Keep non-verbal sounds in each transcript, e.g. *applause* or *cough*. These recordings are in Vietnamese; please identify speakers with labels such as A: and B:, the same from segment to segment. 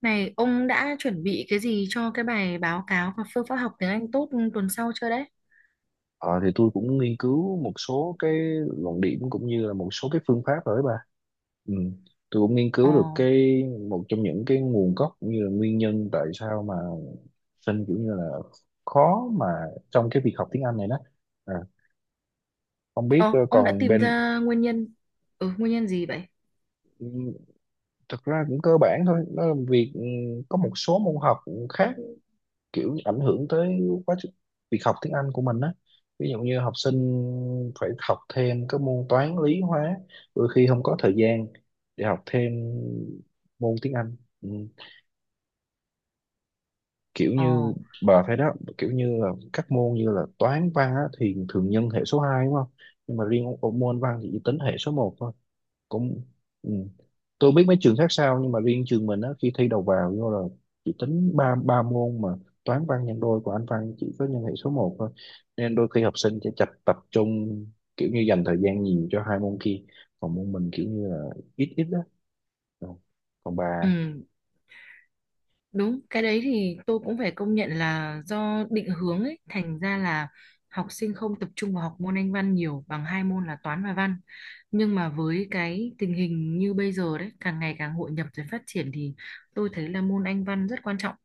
A: Này, ông đã chuẩn bị cái gì cho cái bài báo cáo và phương pháp học tiếng Anh tốt tuần sau chưa đấy?
B: Ờ, thì tôi cũng nghiên cứu một số cái luận điểm cũng như là một số cái phương pháp rồi đấy bà. Ừ. Tôi cũng nghiên
A: Ồ,
B: cứu được cái một trong những cái nguồn gốc cũng như là nguyên nhân tại sao mà sinh kiểu như là khó mà trong cái việc học tiếng Anh này đó. À, không biết
A: ờ, ông đã
B: còn
A: tìm
B: bên,
A: ra nguyên nhân. Ừ, nguyên nhân gì vậy?
B: ừ, thực ra cũng cơ bản thôi, nó là việc có một số môn học khác kiểu ảnh hưởng tới quá trình việc học tiếng Anh của mình á, ví dụ như học sinh phải học thêm các môn toán lý hóa, đôi khi không có thời gian để học thêm môn tiếng Anh. Ừ. Kiểu
A: Ồ,
B: như bà thấy đó, kiểu như là các môn như là toán văn á, thì thường nhân hệ số 2 đúng không, nhưng mà riêng môn văn thì chỉ tính hệ số 1 thôi cũng. Ừ. Tôi biết mấy trường khác sao nhưng mà riêng trường mình á, khi thi đầu vào vô là chỉ tính ba ba môn mà toán văn nhân đôi của anh văn chỉ có nhân hệ số 1 thôi, nên đôi khi học sinh sẽ tập trung, kiểu như dành thời gian nhiều cho hai môn kia, còn môn mình kiểu như là ít ít đó. Ừ. Còn bà.
A: ừ, đúng, cái đấy thì tôi cũng phải công nhận là do định hướng ấy, thành ra là học sinh không tập trung vào học môn Anh văn nhiều bằng hai môn là toán và văn. Nhưng mà với cái tình hình như bây giờ đấy, càng ngày càng hội nhập rồi phát triển thì tôi thấy là môn Anh văn rất quan trọng.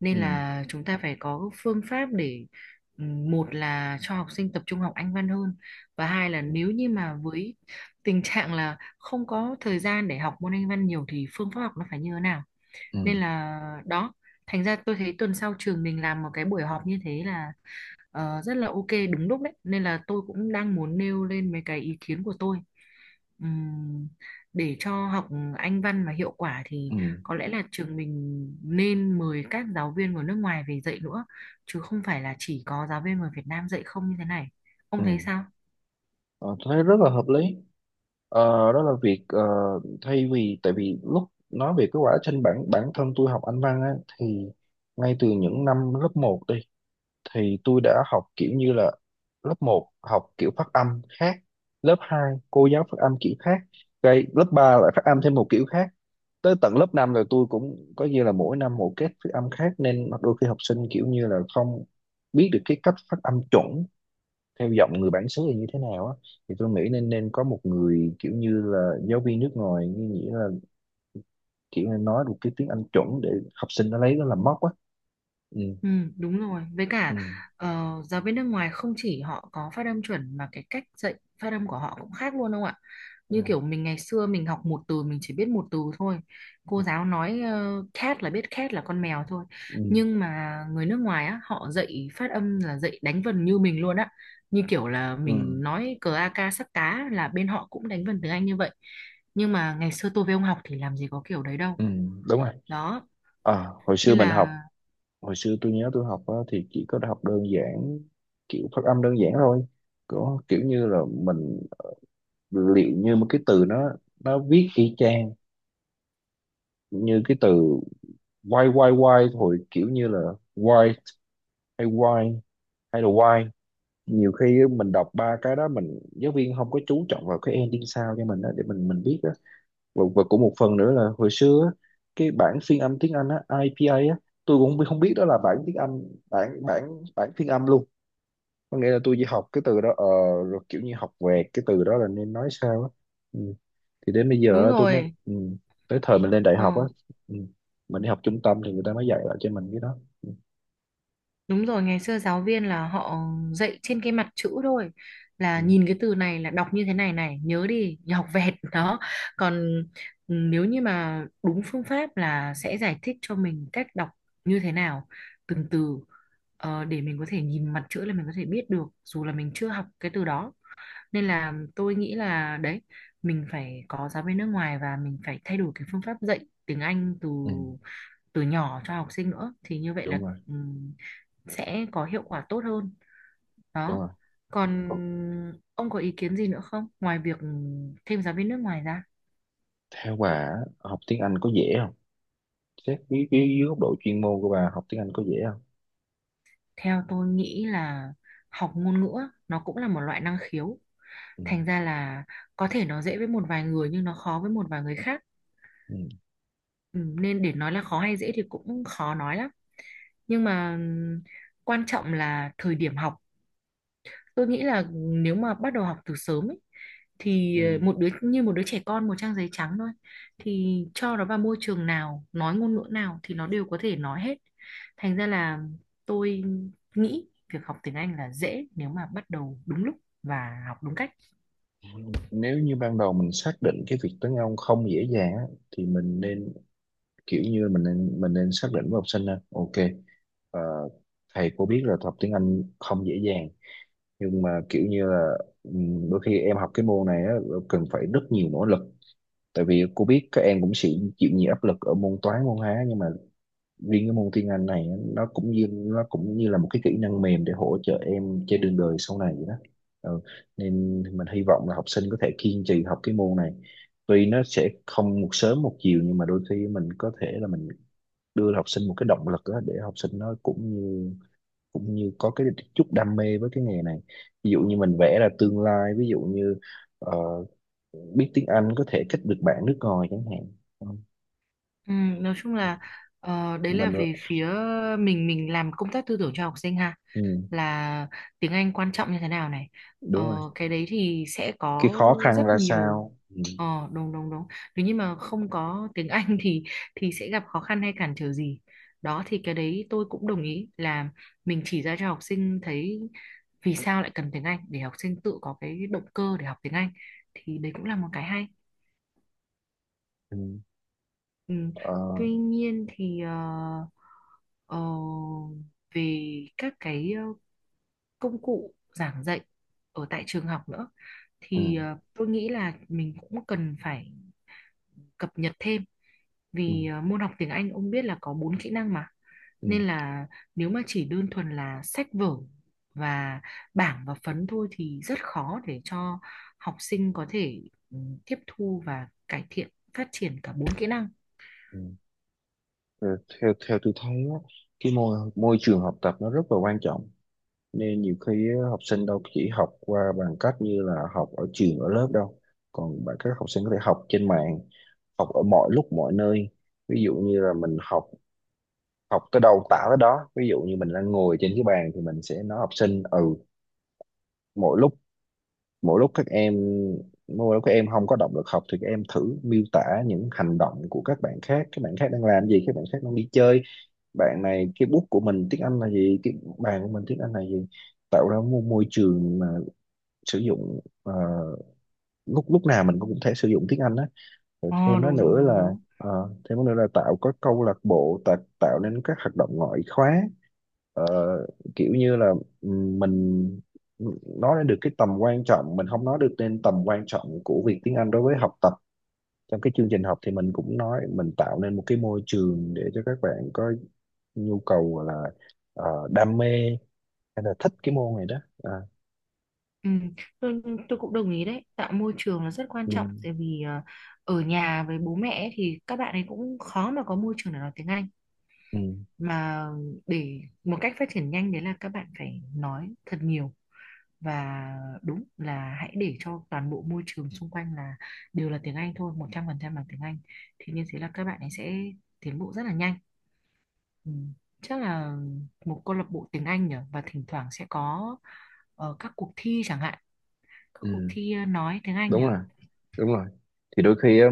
A: Nên
B: Ừ.
A: là chúng ta phải có phương pháp để một là cho học sinh tập trung học Anh văn hơn, và hai là
B: Ừ.
A: nếu như mà với tình trạng là không có thời gian để học môn Anh văn nhiều thì phương pháp học nó phải như thế nào. Nên
B: Ừ.
A: là đó, thành ra tôi thấy tuần sau trường mình làm một cái buổi họp như thế là rất là ok, đúng lúc đấy, nên là tôi cũng đang muốn nêu lên mấy cái ý kiến của tôi. Ừm, để cho học Anh văn mà hiệu quả thì
B: Ừ.
A: có lẽ là trường mình nên mời các giáo viên của nước ngoài về dạy nữa, chứ không phải là chỉ có giáo viên người Việt Nam dạy không như thế này. Ông thấy
B: Ừ.
A: sao?
B: Ờ, tôi thấy rất là hợp lý. Ờ, đó là việc thay vì tại vì lúc nói về cái quá trình bản bản thân tôi học Anh văn á, thì ngay từ những năm lớp 1 đi thì tôi đã học kiểu như là lớp 1 học kiểu phát âm khác, lớp 2 cô giáo phát âm kiểu khác, cái lớp 3 lại phát âm thêm một kiểu khác, tới tận lớp 5 rồi tôi cũng có như là mỗi năm một cách phát âm khác, nên đôi khi học sinh kiểu như là không biết được cái cách phát âm chuẩn theo giọng người bản xứ thì như thế nào á, thì tôi nghĩ nên nên có một người kiểu như là giáo viên nước ngoài, như nghĩa là kiểu là nói được cái tiếng Anh chuẩn để học sinh nó lấy nó làm mốc á. Ừ.
A: Ừ, đúng rồi. Với
B: Ừ.
A: cả giáo viên nước ngoài không chỉ họ có phát âm chuẩn mà cái cách dạy phát âm của họ cũng khác luôn không ạ?
B: Ừ. Ừ.
A: Như kiểu mình ngày xưa mình học một từ mình chỉ biết một từ thôi, cô giáo nói cat là biết cat là con mèo thôi.
B: Ừ.
A: Nhưng mà người nước ngoài á, họ dạy phát âm là dạy đánh vần như mình luôn á, như kiểu là
B: Ừ,
A: mình nói cờ a ca sắp cá là bên họ cũng đánh vần tiếng Anh như vậy. Nhưng mà ngày xưa tôi với ông học thì làm gì có kiểu đấy đâu.
B: ừ, đúng rồi.
A: Đó,
B: À,
A: nên là
B: hồi xưa tôi nhớ tôi học á, thì chỉ có học đơn giản, kiểu phát âm đơn giản thôi, có kiểu như là mình liệu như một cái từ nó viết y chang như cái từ why, why, why, hồi kiểu như là why why hay là why, nhiều khi á, mình đọc ba cái đó, mình giáo viên không có chú trọng vào cái ending sao cho mình á, để mình biết á. Và cũng một phần nữa là hồi xưa á, cái bản phiên âm tiếng Anh á IPA á, tôi cũng không biết đó là bản tiếng Anh, bản bản bản phiên âm luôn. Có nghĩa là tôi chỉ học cái từ đó, rồi kiểu như học vẹt cái từ đó là nên nói sao á. Ừ. Thì đến bây giờ
A: đúng
B: á, tôi mới.
A: rồi.
B: Ừ. Tới thời mình lên đại
A: ờ
B: học á. Ừ. Mình đi học trung tâm thì người ta mới dạy lại cho mình cái đó. Ừ.
A: Đúng rồi, ngày xưa giáo viên là họ dạy trên cái mặt chữ thôi. Là
B: Ừ.
A: nhìn cái từ này là đọc như thế này này, nhớ đi, nhớ học vẹt *laughs* đó. Còn nếu như mà đúng phương pháp là sẽ giải thích cho mình cách đọc như thế nào, từng từ, để mình có thể nhìn mặt chữ là mình có thể biết được dù là mình chưa học cái từ đó. Nên là tôi nghĩ là đấy, mình phải có giáo viên nước ngoài và mình phải thay đổi cái phương pháp dạy tiếng Anh từ
B: Ừ.
A: từ nhỏ cho học sinh nữa, thì như vậy là
B: Đúng rồi.
A: ừm, sẽ có hiệu quả tốt hơn.
B: Đúng
A: Đó,
B: rồi.
A: còn ông có ý kiến gì nữa không ngoài việc thêm giáo viên nước ngoài ra?
B: Theo bà á, học tiếng Anh có dễ không? Xét cái dưới góc độ chuyên môn của bà, học tiếng Anh có dễ không?
A: Theo tôi nghĩ là học ngôn ngữ á, nó cũng là một loại năng khiếu,
B: Ừ.
A: thành ra là có thể nó dễ với một vài người nhưng nó khó với một vài người khác.
B: Ừ.
A: Ừ, nên để nói là khó hay dễ thì cũng khó nói lắm, nhưng mà quan trọng là thời điểm học. Tôi nghĩ là nếu mà bắt đầu học từ sớm ấy, thì
B: Ừ.
A: một đứa trẻ con một trang giấy trắng thôi, thì cho nó vào môi trường nào nói ngôn ngữ nào thì nó đều có thể nói hết, thành ra là tôi nghĩ việc học tiếng Anh là dễ nếu mà bắt đầu đúng lúc và học đúng cách.
B: Nếu như ban đầu mình xác định cái việc tiếng Anh không dễ dàng á, thì mình nên kiểu như mình nên xác định với học sinh là ok, ờ, thầy cô biết là học tiếng Anh không dễ dàng, nhưng mà kiểu như là đôi khi em học cái môn này á, cần phải rất nhiều nỗ lực, tại vì cô biết các em cũng sẽ chịu nhiều áp lực ở môn toán môn hóa, nhưng mà riêng cái môn tiếng Anh này nó cũng như là một cái kỹ năng mềm để hỗ trợ em trên đường đời sau này vậy đó. Ừ. Nên mình hy vọng là học sinh có thể kiên trì học cái môn này, tuy nó sẽ không một sớm một chiều, nhưng mà đôi khi mình có thể là mình đưa học sinh một cái động lực đó, để học sinh nó cũng như có cái chút đam mê với cái nghề này, ví dụ như mình vẽ ra tương lai, ví dụ như ờ, biết tiếng Anh có thể kết được bạn nước ngoài chẳng hạn. Ừ.
A: Ừ, nói chung là đấy là
B: Mình.
A: về phía mình làm công tác tư tưởng cho học sinh ha,
B: Ừ,
A: là tiếng Anh quan trọng như thế nào này,
B: đúng rồi,
A: ờ, cái đấy thì sẽ
B: cái
A: có
B: khó khăn
A: rất
B: ra
A: nhiều.
B: sao. Ừ.
A: Đúng đúng đúng, nếu như mà không có tiếng Anh thì sẽ gặp khó khăn hay cản trở gì, đó thì cái đấy tôi cũng đồng ý là mình chỉ ra cho học sinh thấy vì sao lại cần tiếng Anh để học sinh tự có cái động cơ để học tiếng Anh, thì đấy cũng là một cái hay.
B: Ừ.
A: Ừ.
B: Ờ.
A: Tuy nhiên thì ờ, về các cái công cụ giảng dạy ở tại trường học nữa
B: Ừ.
A: thì tôi nghĩ là mình cũng cần phải cập nhật thêm,
B: Ừ.
A: vì môn học tiếng Anh ông biết là có bốn kỹ năng mà,
B: Ừ.
A: nên là nếu mà chỉ đơn thuần là sách vở và bảng và phấn thôi thì rất khó để cho học sinh có thể ừ, tiếp thu và cải thiện phát triển cả bốn kỹ năng.
B: Ừ. Rồi theo theo tôi thấy á, cái môi môi trường học tập nó rất là quan trọng, nên nhiều khi á, học sinh đâu chỉ học qua bằng cách như là học ở trường ở lớp đâu, còn bạn các học sinh có thể học trên mạng, học ở mọi lúc mọi nơi, ví dụ như là mình học, học tới đâu tả tới đó, ví dụ như mình đang ngồi trên cái bàn thì mình sẽ nói học sinh ừ, mỗi lúc, mỗi lúc các em, mỗi lúc các em không có động lực học thì các em thử miêu tả những hành động của các bạn khác, các bạn khác đang làm gì, các bạn khác đang đi chơi, bạn này cái bút của mình tiếng Anh là gì, cái bàn của mình tiếng Anh là gì, tạo ra một môi trường mà sử dụng, lúc lúc nào mình cũng có thể sử dụng tiếng Anh á, rồi
A: Ồ
B: thêm nó
A: đúng đúng
B: nữa
A: đúng
B: là
A: đúng.
B: tạo, có câu lạc bộ, tạo nên các hoạt động ngoại khóa. Ờ, kiểu như là mình nói lên được cái tầm quan trọng, mình không nói được nên tầm quan trọng của việc tiếng Anh đối với học tập trong cái chương trình học, thì mình cũng nói mình tạo nên một cái môi trường để cho các bạn có nhu cầu gọi là đam mê hay là thích cái môn này đó. À.
A: Ừ, tôi, tôi cũng đồng ý đấy, tạo môi trường là rất quan
B: Ừ.
A: trọng, tại vì ở nhà với bố mẹ ấy thì các bạn ấy cũng khó mà có môi trường để nói tiếng Anh,
B: Ừ.
A: mà để một cách phát triển nhanh đấy là các bạn phải nói thật nhiều, và đúng là hãy để cho toàn bộ môi trường xung quanh là đều là tiếng Anh thôi, 100% là tiếng Anh, thì như thế là các bạn ấy sẽ tiến bộ rất là nhanh. Ừ. Chắc là một câu lạc bộ tiếng Anh nhỉ, và thỉnh thoảng sẽ có các cuộc thi chẳng hạn, các cuộc
B: Ừ.
A: thi nói tiếng Anh
B: Đúng
A: à?
B: rồi. Đúng rồi. Thì đôi khi á,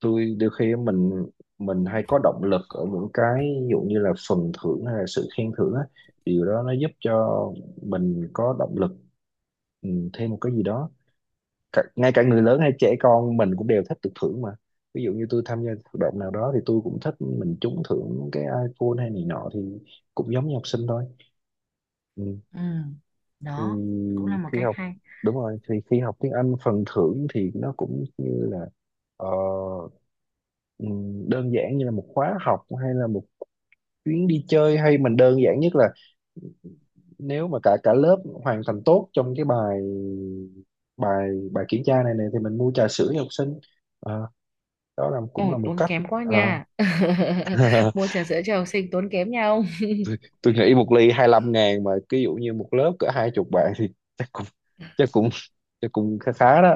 B: tôi đôi khi mình hay có động lực ở những cái ví dụ như là phần thưởng hay là sự khen thưởng á, điều đó nó giúp cho mình có động lực. Ừ, thêm một cái gì đó, ngay cả người lớn hay trẻ con mình cũng đều thích được thưởng mà, ví dụ như tôi tham gia hoạt động nào đó thì tôi cũng thích mình trúng thưởng cái iPhone hay này nọ, thì cũng giống như học sinh thôi. Ừ.
A: Ừ,
B: thì
A: đó cũng là một
B: khi
A: cách
B: học
A: hay.
B: Đúng rồi, thì khi học tiếng Anh phần thưởng thì nó cũng như là ờ, đơn giản như là một khóa học hay là một chuyến đi chơi, hay mình đơn giản nhất là nếu mà cả cả lớp hoàn thành tốt trong cái bài bài bài kiểm tra này này thì mình mua trà sữa cho học sinh. Ờ, đó là cũng
A: Ồ,
B: là một
A: tốn
B: cách.
A: kém quá
B: Ờ.
A: nha *laughs*
B: *laughs*
A: mua trà sữa cho học sinh tốn kém nha ông.
B: Tôi nghĩ một ly 25.000, mà ví dụ như một lớp cỡ hai chục bạn thì chắc cũng chắc cũng chắc cũng khá khá đó.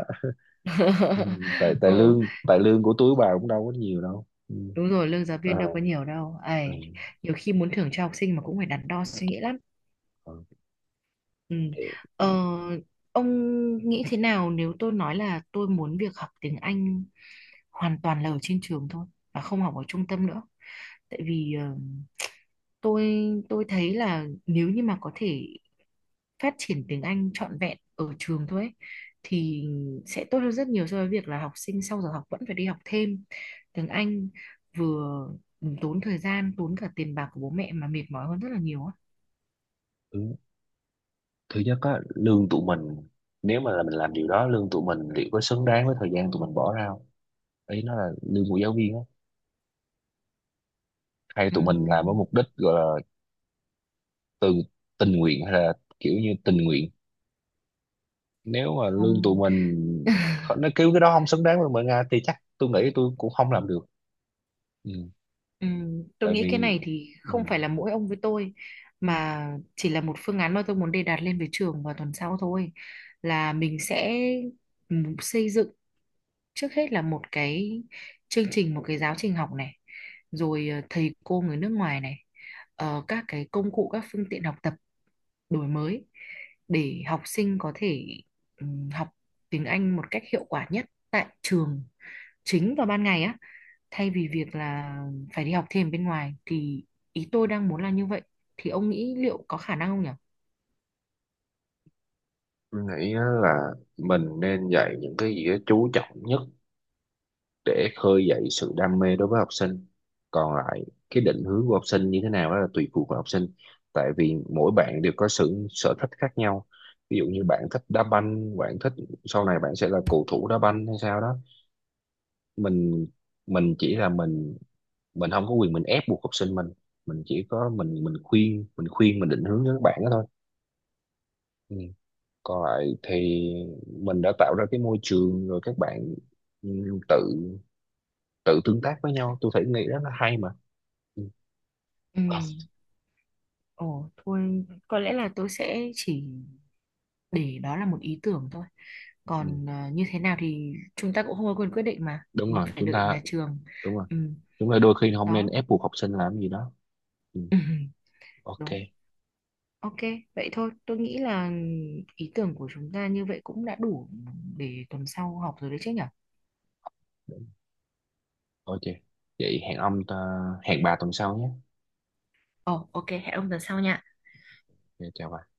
B: Ừ,
A: *laughs*
B: tại
A: Ừ,
B: tại lương của túi bà cũng đâu có nhiều đâu. Ừ.
A: đúng rồi, lương giáo
B: Ờ.
A: viên đâu có nhiều đâu
B: Ừ.
A: ấy, nhiều khi muốn thưởng cho học sinh mà cũng phải đắn đo suy nghĩ lắm.
B: Ờ,
A: Ừ.
B: ok.
A: Ờ, ông nghĩ thế nào nếu tôi nói là tôi muốn việc học tiếng Anh hoàn toàn là ở trên trường thôi và không học ở trung tâm nữa? Tại vì tôi tôi thấy là nếu như mà có thể phát triển tiếng Anh trọn vẹn ở trường thôi ấy, thì sẽ tốt hơn rất nhiều so với việc là học sinh sau giờ học vẫn phải đi học thêm tiếng Anh, vừa tốn thời gian, tốn cả tiền bạc của bố mẹ, mà mệt mỏi hơn rất là nhiều á.
B: Ừ. Thứ nhất á lương tụi mình, nếu mà là mình làm điều đó lương tụi mình liệu có xứng đáng với thời gian tụi mình bỏ ra không, ý nó là lương của giáo viên á, hay tụi mình làm với
A: Ừm,
B: mục đích gọi là từ tình nguyện hay là kiểu như tình nguyện, nếu mà lương tụi
A: Không.
B: mình nó kêu cái đó không xứng đáng với mình Nga thì chắc tôi nghĩ tôi cũng không làm được. Ừ.
A: Ừ, tôi
B: Tại
A: nghĩ cái
B: vì.
A: này thì
B: Ừ.
A: không phải là mỗi ông với tôi, mà chỉ là một phương án mà tôi muốn đề đạt lên với trường vào tuần sau thôi, là mình sẽ xây dựng trước hết là một cái chương trình, một cái giáo trình học này, rồi thầy cô người nước ngoài này, các cái công cụ, các phương tiện học tập đổi mới để học sinh có thể ừ, học tiếng Anh một cách hiệu quả nhất tại trường chính vào ban ngày á, thay vì việc là phải đi học thêm bên ngoài, thì ý tôi đang muốn là như vậy. Thì ông nghĩ liệu có khả năng không nhỉ?
B: Tôi nghĩ á là mình nên dạy những cái gì đó chú trọng nhất để khơi dậy sự đam mê đối với học sinh, còn lại cái định hướng của học sinh như thế nào đó là tùy thuộc vào học sinh, tại vì mỗi bạn đều có sự sở thích khác nhau, ví dụ như bạn thích đá banh, bạn thích sau này bạn sẽ là cầu thủ đá banh hay sao đó, mình mình chỉ là mình không có quyền mình ép buộc học sinh mình chỉ có mình khuyên mình định hướng cho các bạn đó thôi. Ừ. Còn lại thì mình đã tạo ra cái môi trường rồi, các bạn ừ, tự tự tương tác với nhau, tôi thấy nghĩ rất là hay mà. Ừ.
A: Ừ, ồ thôi có lẽ là tôi sẽ chỉ để đó là một ý tưởng thôi.
B: Ừ.
A: Còn như thế nào thì chúng ta cũng không có quyền quyết định mà.
B: Đúng
A: Ừ,
B: rồi.
A: phải
B: Chúng
A: đợi
B: ta.
A: nhà trường.
B: Đúng rồi,
A: Ừ,
B: chúng ta đôi khi không nên
A: đó.
B: ép buộc học sinh làm gì đó. Ừ.
A: *laughs* Ừ,
B: Ok.
A: đúng. Ok, vậy thôi. Tôi nghĩ là ý tưởng của chúng ta như vậy cũng đã đủ để tuần sau học rồi đấy chứ nhỉ?
B: Ok, vậy hẹn hẹn bà tuần sau nhé.
A: Ồ, ok, hẹn ông tuần sau nha.
B: Ok, chào bà.